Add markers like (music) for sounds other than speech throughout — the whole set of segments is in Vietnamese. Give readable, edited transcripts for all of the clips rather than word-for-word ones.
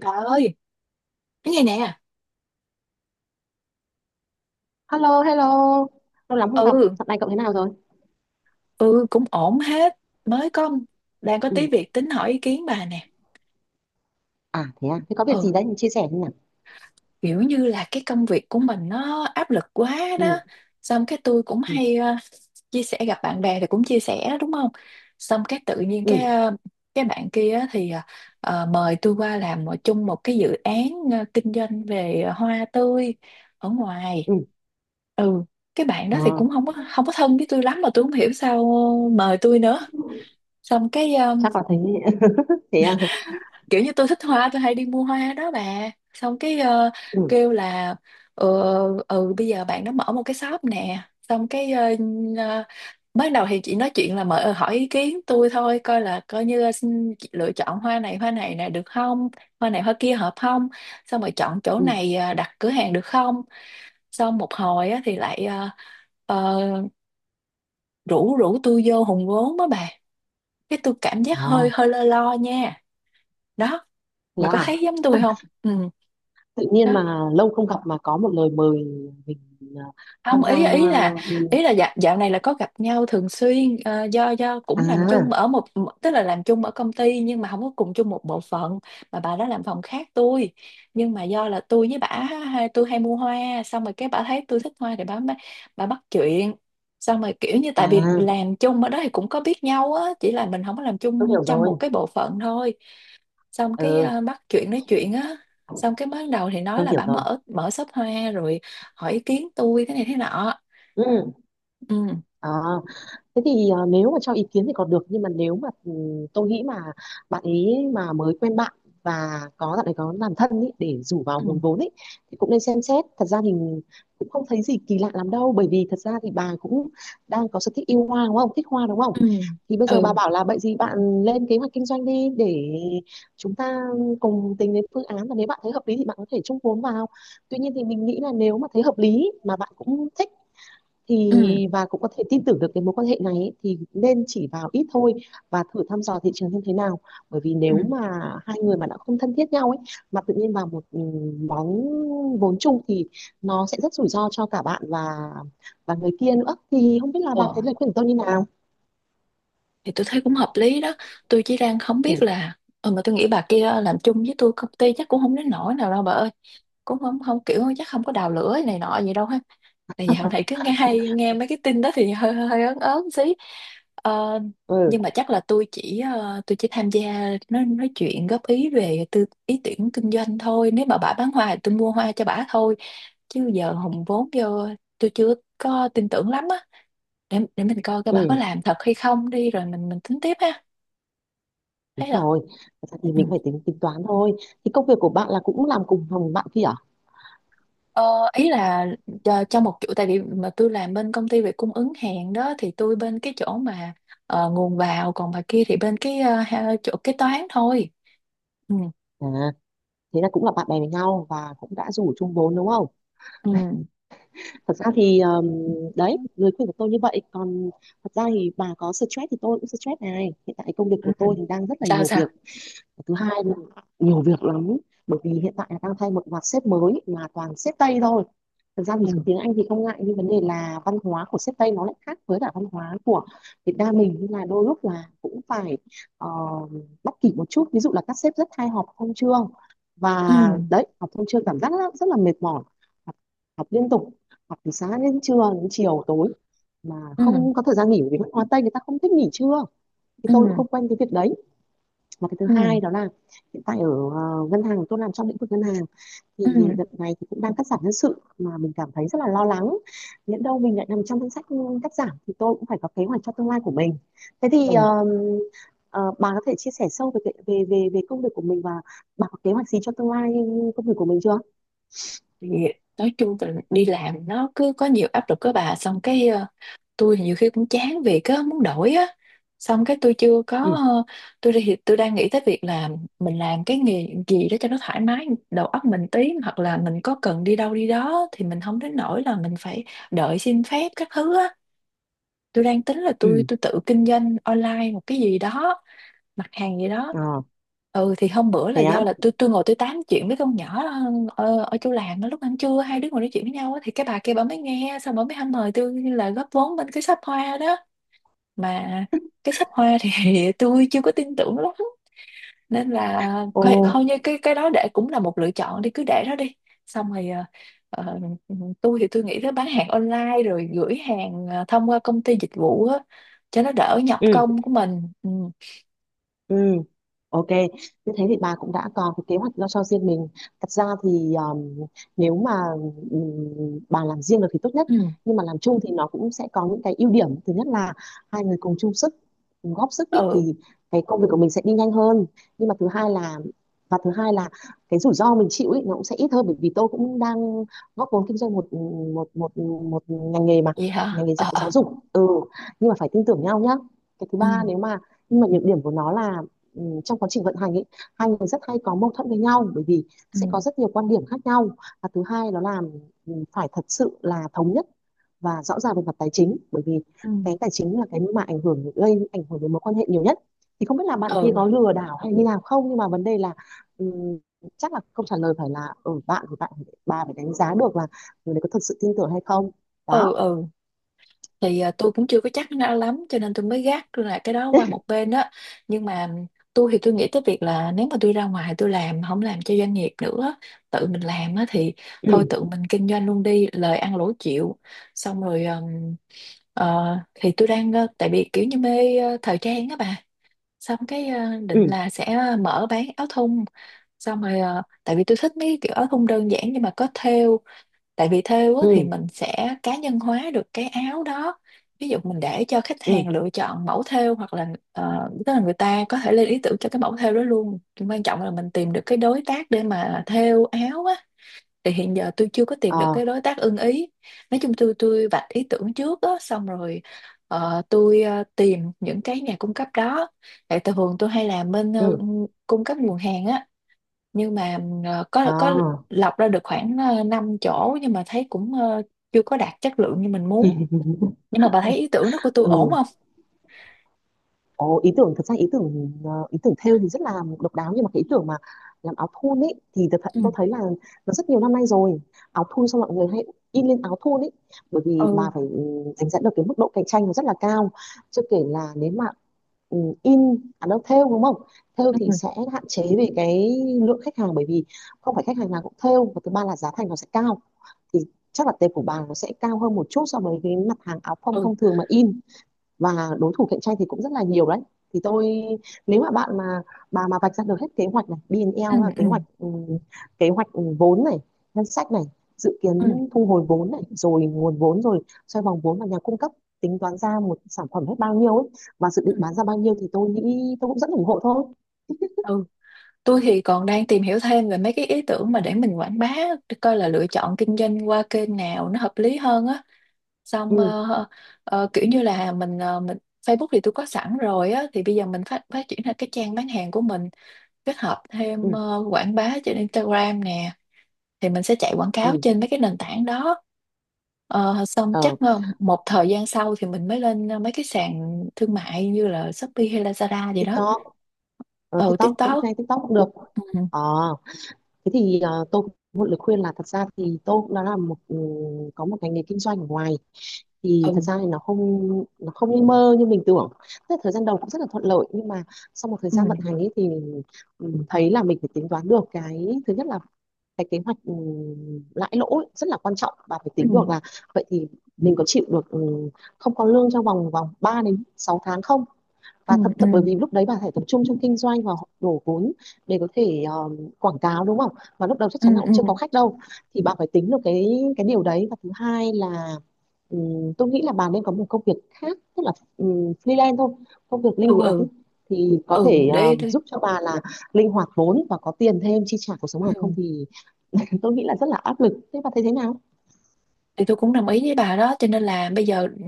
Bà ơi, cái này nè. Hello, hello. Lâu lắm không gặp. ừ Dạo này cậu thế nào rồi? ừ, cũng ổn hết. Mới có Đang có tí Ừ. việc tính hỏi ý kiến bà nè. À, thế có việc Ừ, gì đấy mình chia sẻ đi nào. kiểu như là cái công việc của mình nó áp lực quá đó, Ừ, xong cái tôi cũng ừ, hay chia sẻ, gặp bạn bè thì cũng chia sẻ đó, đúng không? Xong cái tự nhiên ừ, cái bạn kia á thì mời tôi qua làm chung một cái dự án kinh doanh về hoa tươi ở ngoài. ừ. Ừ, cái bạn đó thì Ờ, cũng không có thân với tôi lắm mà tôi không hiểu sao mời tôi nữa. Xong Chắc là thế. (laughs) Thế à. kiểu như tôi thích hoa, tôi hay đi mua hoa đó bà. Xong Ừ, kêu là, ừ, ừ bây giờ bạn nó mở một cái shop nè. Xong ờ, ban đầu thì chị nói chuyện là mở hỏi ý kiến tôi thôi, coi là coi như là xin chị lựa chọn hoa này nè được không, hoa này hoa kia hợp không, xong rồi chọn chỗ ừ. này đặt cửa hàng được không. Xong một hồi á, thì lại ờ, rủ rủ tôi vô hùn vốn đó bà. Cái tôi cảm Ờ, giác hơi hơi lo lo nha. Đó, Thế bà có à. thấy giống tôi không? Ừ. Tự Đó, nhiên mà lâu không gặp mà có một lời mời mình à, không, tham gia. ý Ừ. ý là dạo, dạo này là có gặp nhau thường xuyên, do cũng làm chung À, ở một, tức là làm chung ở công ty nhưng mà không có cùng chung một bộ phận, mà bà đó làm phòng khác tôi. Nhưng mà do là tôi với bả tôi hay mua hoa, xong rồi cái bả thấy tôi thích hoa thì bả bắt chuyện. Xong rồi kiểu như tại vì à, làm chung ở đó thì cũng có biết nhau á, chỉ là mình không có làm tôi chung hiểu trong rồi. một cái bộ phận thôi. Xong Ừ, bắt chuyện nói chuyện á, xong cái mới đầu thì nói tôi là hiểu bả rồi. mở mở shop hoa rồi hỏi ý kiến tôi thế này thế nọ. Ừ. Ừ. ờ. Thế thì nếu mà cho ý kiến thì còn được nhưng mà nếu mà tôi nghĩ mà bạn ấy mà mới quen bạn và có bạn ấy có làm thân ý, để rủ vào Ừ. hùn vốn ý, thì cũng nên xem xét. Thật ra thì cũng không thấy gì kỳ lạ lắm đâu, bởi vì thật ra thì bà cũng đang có sở thích yêu hoa đúng không, thích hoa đúng không. Ừ. Thì bây giờ bà Ừ. bảo là vậy gì bạn lên kế hoạch kinh doanh đi để chúng ta cùng tính đến phương án, và nếu bạn thấy hợp lý thì bạn có thể chung vốn vào. Tuy nhiên thì mình nghĩ là nếu mà thấy hợp lý mà bạn cũng thích Ừ. thì và cũng có thể tin tưởng được cái mối quan hệ này ấy, thì nên chỉ vào ít thôi và thử thăm dò thị trường xem thế nào. Bởi vì nếu mà hai người mà đã không thân thiết nhau ấy mà tự nhiên vào một món vốn chung thì nó sẽ rất rủi ro cho cả bạn và người kia nữa. Thì không biết là bà Ừ. thấy lời khuyên của tôi như nào. Thì tôi thấy cũng hợp lý đó, tôi chỉ đang không ừ biết là, ừ, mà tôi nghĩ bà kia làm chung với tôi công ty chắc cũng không đến nỗi nào đâu bà ơi. Cũng không không kiểu chắc không có đào lửa này nọ gì đâu ha. Tại dạo này cứ nghe hay nghe mấy cái tin đó thì (laughs) hơi hơi ớn ớn xí. Ờ, ừ nhưng mà chắc là tôi chỉ tham gia nói chuyện góp ý về ý tưởng kinh doanh thôi, nếu mà bà bán hoa thì tôi mua hoa cho bà thôi, chứ giờ hùng vốn vô tôi chưa có tin tưởng lắm á. Để mình coi coi bà có ừ làm thật hay không đi rồi mình tính tiếp ha. Đúng Thấy rồi. rồi. Thật ra thì Ừ. mình phải tính tính toán thôi. Thì công việc của bạn là cũng làm cùng phòng bạn kia à. Ờ, ý là cho một chỗ, tại vì mà tôi làm bên công ty về cung ứng hàng đó, thì tôi bên cái chỗ mà nguồn vào, còn bà kia thì bên chỗ kế toán thôi. Ừ. À, thế là cũng là bạn bè với nhau và cũng đã rủ chung vốn đúng không. Ừ. Thật ra thì đấy lời khuyên của tôi như vậy. Còn thật ra thì bà có stress thì tôi cũng stress này, hiện tại công việc Ừ. của tôi thì đang rất là Sao nhiều sao? việc. Thứ hai là nhiều việc lắm, bởi vì hiện tại là đang thay một loạt sếp mới mà toàn sếp Tây thôi. Thực ra thì Ừ. tiếng Anh thì không ngại, nhưng vấn đề là văn hóa của sếp Tây nó lại khác với cả văn hóa của Việt Nam mình, nên là đôi lúc là cũng phải ờ, bắt kịp một chút. Ví dụ là các sếp rất hay họp thông chương, và Ừ. đấy họp thông chương cảm giác rất, rất là mệt mỏi. họp, Họp liên tục, họp từ sáng đến trưa đến chiều tối mà Ừ. không có thời gian nghỉ, bởi vì văn hóa Tây người ta không thích nghỉ trưa. Thì Ừ. tôi cũng không quen cái việc đấy. Mà cái thứ Ừ. hai đó là hiện tại ở ngân hàng, tôi làm trong lĩnh vực ngân hàng, thì Ừ. đợt này thì cũng đang cắt giảm nhân sự mà mình cảm thấy rất là lo lắng. Nhỡ đâu mình lại nằm trong danh sách cắt giảm thì tôi cũng phải có kế hoạch cho tương lai của mình. Thế thì Ừ. Ờ, bà có thể chia sẻ sâu về cái- về về về công việc của mình, và bà có kế hoạch gì cho tương lai công việc của mình chưa. Thì nói chung là đi làm nó cứ có nhiều áp lực các bà. Xong tôi nhiều khi cũng chán việc á, muốn đổi á. Xong cái tôi chưa có ừ ờ, tôi đang nghĩ tới việc là mình làm cái nghề gì đó cho nó thoải mái đầu óc mình tí, hoặc là mình có cần đi đâu đi đó thì mình không đến nỗi là mình phải đợi xin phép các thứ á. Tôi đang tính là tôi ừ tôi tự kinh doanh online một cái gì đó, mặt hàng gì đó. ờ Ừ, thì hôm bữa là Thế á. do là tôi ngồi tôi tám chuyện với con nhỏ ở, ở chỗ làm đó, lúc ăn trưa hai đứa ngồi nói chuyện với nhau á, thì cái bà kia bà mới nghe, xong bà mới hăm mời tôi là góp vốn bên cái shop hoa đó. Mà cái shop hoa thì (laughs) tôi chưa có tin tưởng lắm, nên là Ồ coi như cái đó để cũng là một lựa chọn, đi cứ để đó đi. Xong rồi ờ, tôi thì tôi nghĩ tới bán hàng online rồi gửi hàng thông qua công ty dịch vụ á, cho nó đỡ nhọc ừ công của mình. Ừ. Ừ, ok. Như thế thì bà cũng đã có cái kế hoạch lo cho riêng mình. Thật ra thì nếu mà bà làm riêng được thì tốt nhất. Nhưng mà làm chung thì nó cũng sẽ có những cái ưu điểm. Thứ nhất là hai người cùng chung sức, cùng góp sức ý, Ừ. thì cái công việc của mình sẽ đi nhanh hơn. Nhưng mà thứ hai là và thứ hai là cái rủi ro mình chịu ý, nó cũng sẽ ít hơn, bởi vì tôi cũng đang góp vốn kinh doanh một một ngành nghề mà Vậy ngành hả? nghề giáo Ờ giáo ờ. dục. Ừ, nhưng mà phải tin tưởng nhau nhá. Cái thứ ba Ừ. nếu mà Nhưng mà nhược điểm của nó là trong quá trình vận hành ấy, hai người rất hay có mâu thuẫn với nhau, bởi vì Ừ. sẽ có rất nhiều quan điểm khác nhau. Và thứ hai đó là phải thật sự là thống nhất và rõ ràng về mặt tài chính, bởi vì Ừ. cái tài chính là cái mà ảnh hưởng gây ảnh hưởng đến mối quan hệ nhiều nhất. Thì không biết là bạn kia Ừ. có lừa đảo hay như nào không, nhưng mà vấn đề là ừm, chắc là câu trả lời phải là ở bạn thì bà phải đánh giá được là người đấy có thật sự tin tưởng hay không. Đó. Ừ. Ừ. Thì à, tôi cũng chưa có chắc nó lắm cho nên tôi mới gác là cái đó qua một bên đó. Nhưng mà tôi thì tôi nghĩ tới việc là nếu mà tôi ra ngoài tôi làm không làm cho doanh nghiệp nữa, tự mình làm á, thì thôi Ừ tự mình kinh doanh luôn đi, lời ăn lỗ chịu. Xong rồi ờ, thì tại vì kiểu như mê thời trang á bà. Xong ừ định là sẽ mở bán áo thun, xong rồi tại vì tôi thích mấy cái kiểu áo thun đơn giản nhưng mà có thêu. Tại vì thêu á, thì ừ mình sẽ cá nhân hóa được cái áo đó, ví dụ mình để cho khách ừ. hàng lựa chọn mẫu thêu, hoặc là tức là người ta có thể lên ý tưởng cho cái mẫu thêu đó luôn. Nhưng quan trọng là mình tìm được cái đối tác để mà thêu áo á, thì hiện giờ tôi chưa có Ờ, tìm được cái đối tác ưng ý. Nói chung tôi vạch ý tưởng trước á, xong rồi tìm những cái nhà cung cấp đó. Tại thường tôi hay làm bên ừ. cung cấp nguồn hàng á, nhưng mà ờ, Ờ, có có lọc ra được khoảng 5 chỗ, nhưng mà thấy cũng chưa có đạt chất lượng như mình muốn. Nhưng mà bà thấy ý tưởng đó của tôi ổn ừ. không? Ồ, ý tưởng thật ra ý tưởng ý tưởng thêu thì rất là độc đáo, nhưng mà cái ý tưởng mà làm áo thun ấy thì thật Ừ. tôi thấy là nó rất nhiều năm nay rồi. Áo thun xong mọi người hay in lên áo thun ấy. Bởi vì Ừ. bà phải đánh giá được cái mức độ cạnh tranh nó rất là cao. Chưa kể là nếu mà ừ, in à đâu thêu đúng không, thêu thì Ừ. sẽ hạn chế về cái lượng khách hàng bởi vì không phải khách hàng nào cũng thêu. Và thứ ba là giá thành nó sẽ cao, thì chắc là tệp của bà nó sẽ cao hơn một chút so với cái mặt hàng áo phông Ừ. thông thường mà in, và đối thủ cạnh tranh thì cũng rất là nhiều đấy. Thì tôi nếu mà bạn mà bà mà vạch ra được hết kế hoạch này Ừ. BNL là Ừ. Kế hoạch vốn này, ngân sách này, dự Ừ. kiến thu hồi vốn này, rồi nguồn vốn, rồi xoay vòng vốn và nhà cung cấp, tính toán ra một sản phẩm hết bao nhiêu ấy và dự Ừ. định bán ra bao nhiêu, thì tôi nghĩ tôi cũng rất ủng hộ thôi. Ừ. Tôi thì còn đang tìm hiểu thêm về mấy cái ý tưởng mà để mình quảng bá, để coi là lựa chọn kinh doanh qua kênh nào nó hợp lý hơn á. Xong ừ kiểu như là mình ờ, mình Facebook thì tôi có sẵn rồi á, thì bây giờ mình phát phát triển ra cái trang bán hàng của mình, kết hợp thêm ừ quảng bá trên Instagram nè, thì mình sẽ chạy quảng cáo ừ trên mấy cái nền tảng đó. Ờ, xong ờ chắc một thời gian sau thì mình mới lên mấy cái sàn thương mại như là Shopee hay Lazada gì đó. TikTok. Ừ, TikTok cũng TikTok. hay, TikTok cũng được. Ừ. ờ Thế thì tôi cũng một lời khuyên là thật ra thì tôi cũng đã là một có một ngành nghề kinh doanh ở ngoài thì thật Ừ. ra thì nó không như mơ như mình tưởng. Thế thời gian đầu cũng rất là thuận lợi, nhưng mà sau một thời Ừ. gian vận hành ấy thì mình thấy là mình phải tính toán được cái thứ nhất là cái kế hoạch lãi lỗ ấy, rất là quan trọng. Và phải Ừ. tính được là vậy thì mình có chịu được không có lương trong vòng vòng 3 đến 6 tháng không. Ừ. Và thậm Ừ. thậm bởi vì lúc đấy bà phải tập trung trong kinh doanh và đổ vốn để có thể quảng cáo đúng không, và lúc đầu chắc chắn là cũng chưa có Ừ. khách đâu. Thì bà phải tính được cái điều đấy. Và thứ hai là tôi nghĩ là bà nên có một công việc khác, tức là freelance thôi, công việc linh Ừ. Ừ. hoạt ấy. Thì có Ừ, ừ, thể để để giúp cho bà là linh hoạt vốn và có tiền thêm chi trả cuộc sống này không Ừ. thì (laughs) tôi nghĩ là rất là áp lực. Thế bà thấy thế nào? Thì tôi cũng đồng ý với bà đó, cho nên là bây giờ ừ,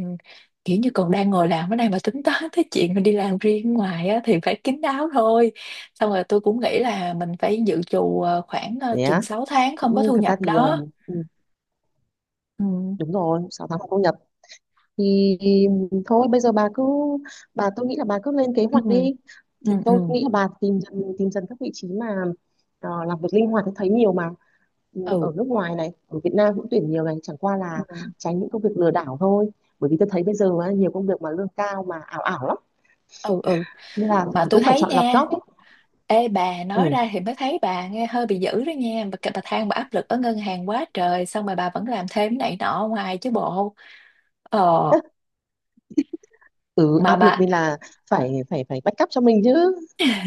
kiểu như còn đang ngồi làm ở đây mà tính toán tới chuyện mà đi làm riêng ngoài á, thì phải kín đáo thôi. Xong rồi tôi cũng nghĩ là mình phải dự trù khoảng chừng Nhé, 6 tháng không có cũng thu thật nhập ra thì đó. Ừ. đúng rồi, 6 tháng không thu nhập thì thôi bây giờ bà tôi nghĩ là bà cứ lên kế Ừ. hoạch đi. Thì Ừ. Ừ. tôi nghĩ là bà tìm dần các vị trí mà làm việc linh hoạt thì thấy nhiều mà. Ừ, ở Ừ. nước ngoài này, ở Việt Nam cũng tuyển nhiều này, chẳng qua Ừ. là tránh những công việc lừa đảo thôi. Bởi vì tôi thấy bây giờ á, nhiều công việc mà lương cao mà ảo ảo lắm, Ừ. Ừ. nên là Mà tôi cũng phải thấy chọn lọc nha, job ấy. ê bà nói Ừ. ra thì mới thấy bà nghe hơi bị dữ đó nha bà than bà áp lực ở ngân hàng quá trời xong rồi bà vẫn làm thêm cái này nọ ở ngoài chứ bộ. Ờ, (laughs) Ừ, mà áp lực bà nên là phải phải phải backup cho mình chứ.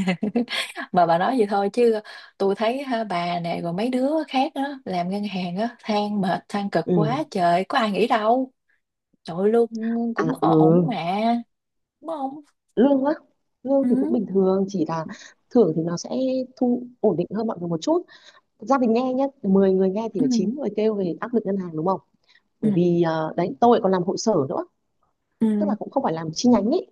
(laughs) mà bà nói vậy thôi chứ tôi thấy ha, bà nè rồi mấy đứa khác á làm ngân hàng á than mệt than cực quá ừ trời, có ai nghĩ đâu. Trời ơi, lương cũng ổn ổn ừ, mà, đúng không? lương á, lương thì cũng Ừ. bình thường, chỉ là thưởng thì nó sẽ thu ổn định hơn mọi người một chút. Gia đình nghe nhé, 10 người nghe thì Ừ. phải 9 người kêu về áp lực ngân hàng đúng không. Ừ. Bởi vì đấy tôi lại còn làm hội sở nữa, Ừ. tức là cũng không phải làm chi nhánh ấy.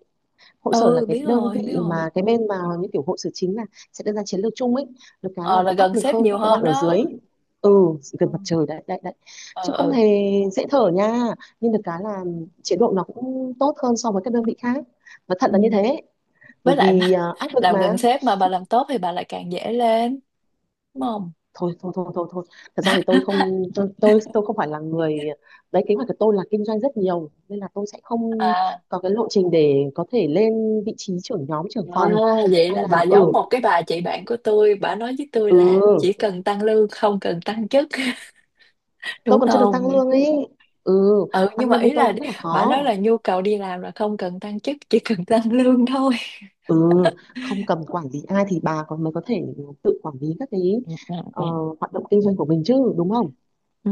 Hội sở là Ừ, cái biết đơn rồi biết vị rồi. mà cái bên mà như kiểu hội sở chính là sẽ đưa ra chiến lược chung ấy. Được cái là Ờ là đỡ áp gần lực sếp hơn nhiều các cái bạn hơn ở dưới. đó. Ừ, Ừ. gần mặt trời đấy đấy đấy. Ừ. Chứ không Ừ. hề dễ thở nha. Nhưng được cái là chế độ nó cũng tốt hơn so với các đơn vị khác, nó Ừ. thật là như thế. Bởi Với lại vì mà à, áp (laughs) lực làm mà. gần sếp mà bà làm tốt thì bà lại càng dễ lên, đúng không? Thôi thôi thôi thôi thôi, thật ra thì (laughs) tôi không phải là người đấy. Kế hoạch của tôi là kinh doanh rất nhiều nên là tôi sẽ không À. có cái lộ trình để có thể lên vị trí trưởng nhóm trưởng À, phòng vậy hay là bà là giống một cái bà chị bạn của tôi, bà nói với tôi là chỉ ừ cần tăng lương không cần tăng chức (laughs) tôi đúng còn chưa được không? tăng lương ấy. Ừ, Ừ, nhưng tăng mà lương ý bên tôi là cũng rất là bà nói khó. là nhu cầu đi làm là không cần tăng chức, chỉ cần tăng (laughs) lương thôi. Ừ, không cầm quản lý ai thì bà còn mới có thể tự quản lý các cái Ừ, ừ, ờ, ừ. hoạt động kinh doanh của mình chứ đúng không. Ừ.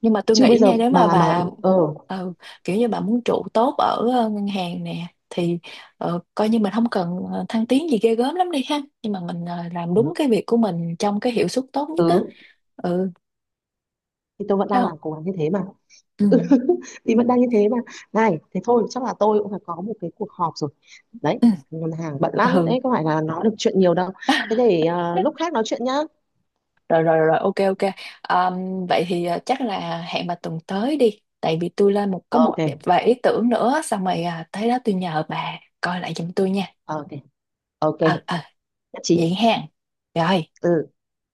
Nhưng mà tôi Chứ nghĩ bây giờ nha, nếu mà bà mà bà ờ ừ, kiểu như bà muốn trụ tốt ở ngân hàng nè, thì coi như mình không cần thăng tiến gì ghê gớm lắm đi ha, nhưng mà làm đúng Ừ, cái việc của mình trong cái hiệu suất tốt nhất á. Ừ. thì tôi vẫn Thấy đang không? làm cố gắng như thế mà, Ừ. thì vẫn đang như thế mà. Này thế thôi chắc là tôi cũng phải có một cái cuộc họp rồi đấy. Ừ. Ngân hàng bận lắm Ừ. đấy, có phải là nói được chuyện nhiều đâu. Thế (laughs) để lúc khác nói chuyện nhá. Rồi rồi rồi, ok ok. Ờm, vậy thì à, chắc là hẹn bà tuần tới đi, tại vì tôi lên một có một Ok, vài ý tưởng nữa, xong rồi à, tới đó tôi nhờ bà coi lại giùm tôi nha. ok, ok, Ờ ờ. nhất trí. Vậy ha. Rồi. Ừ.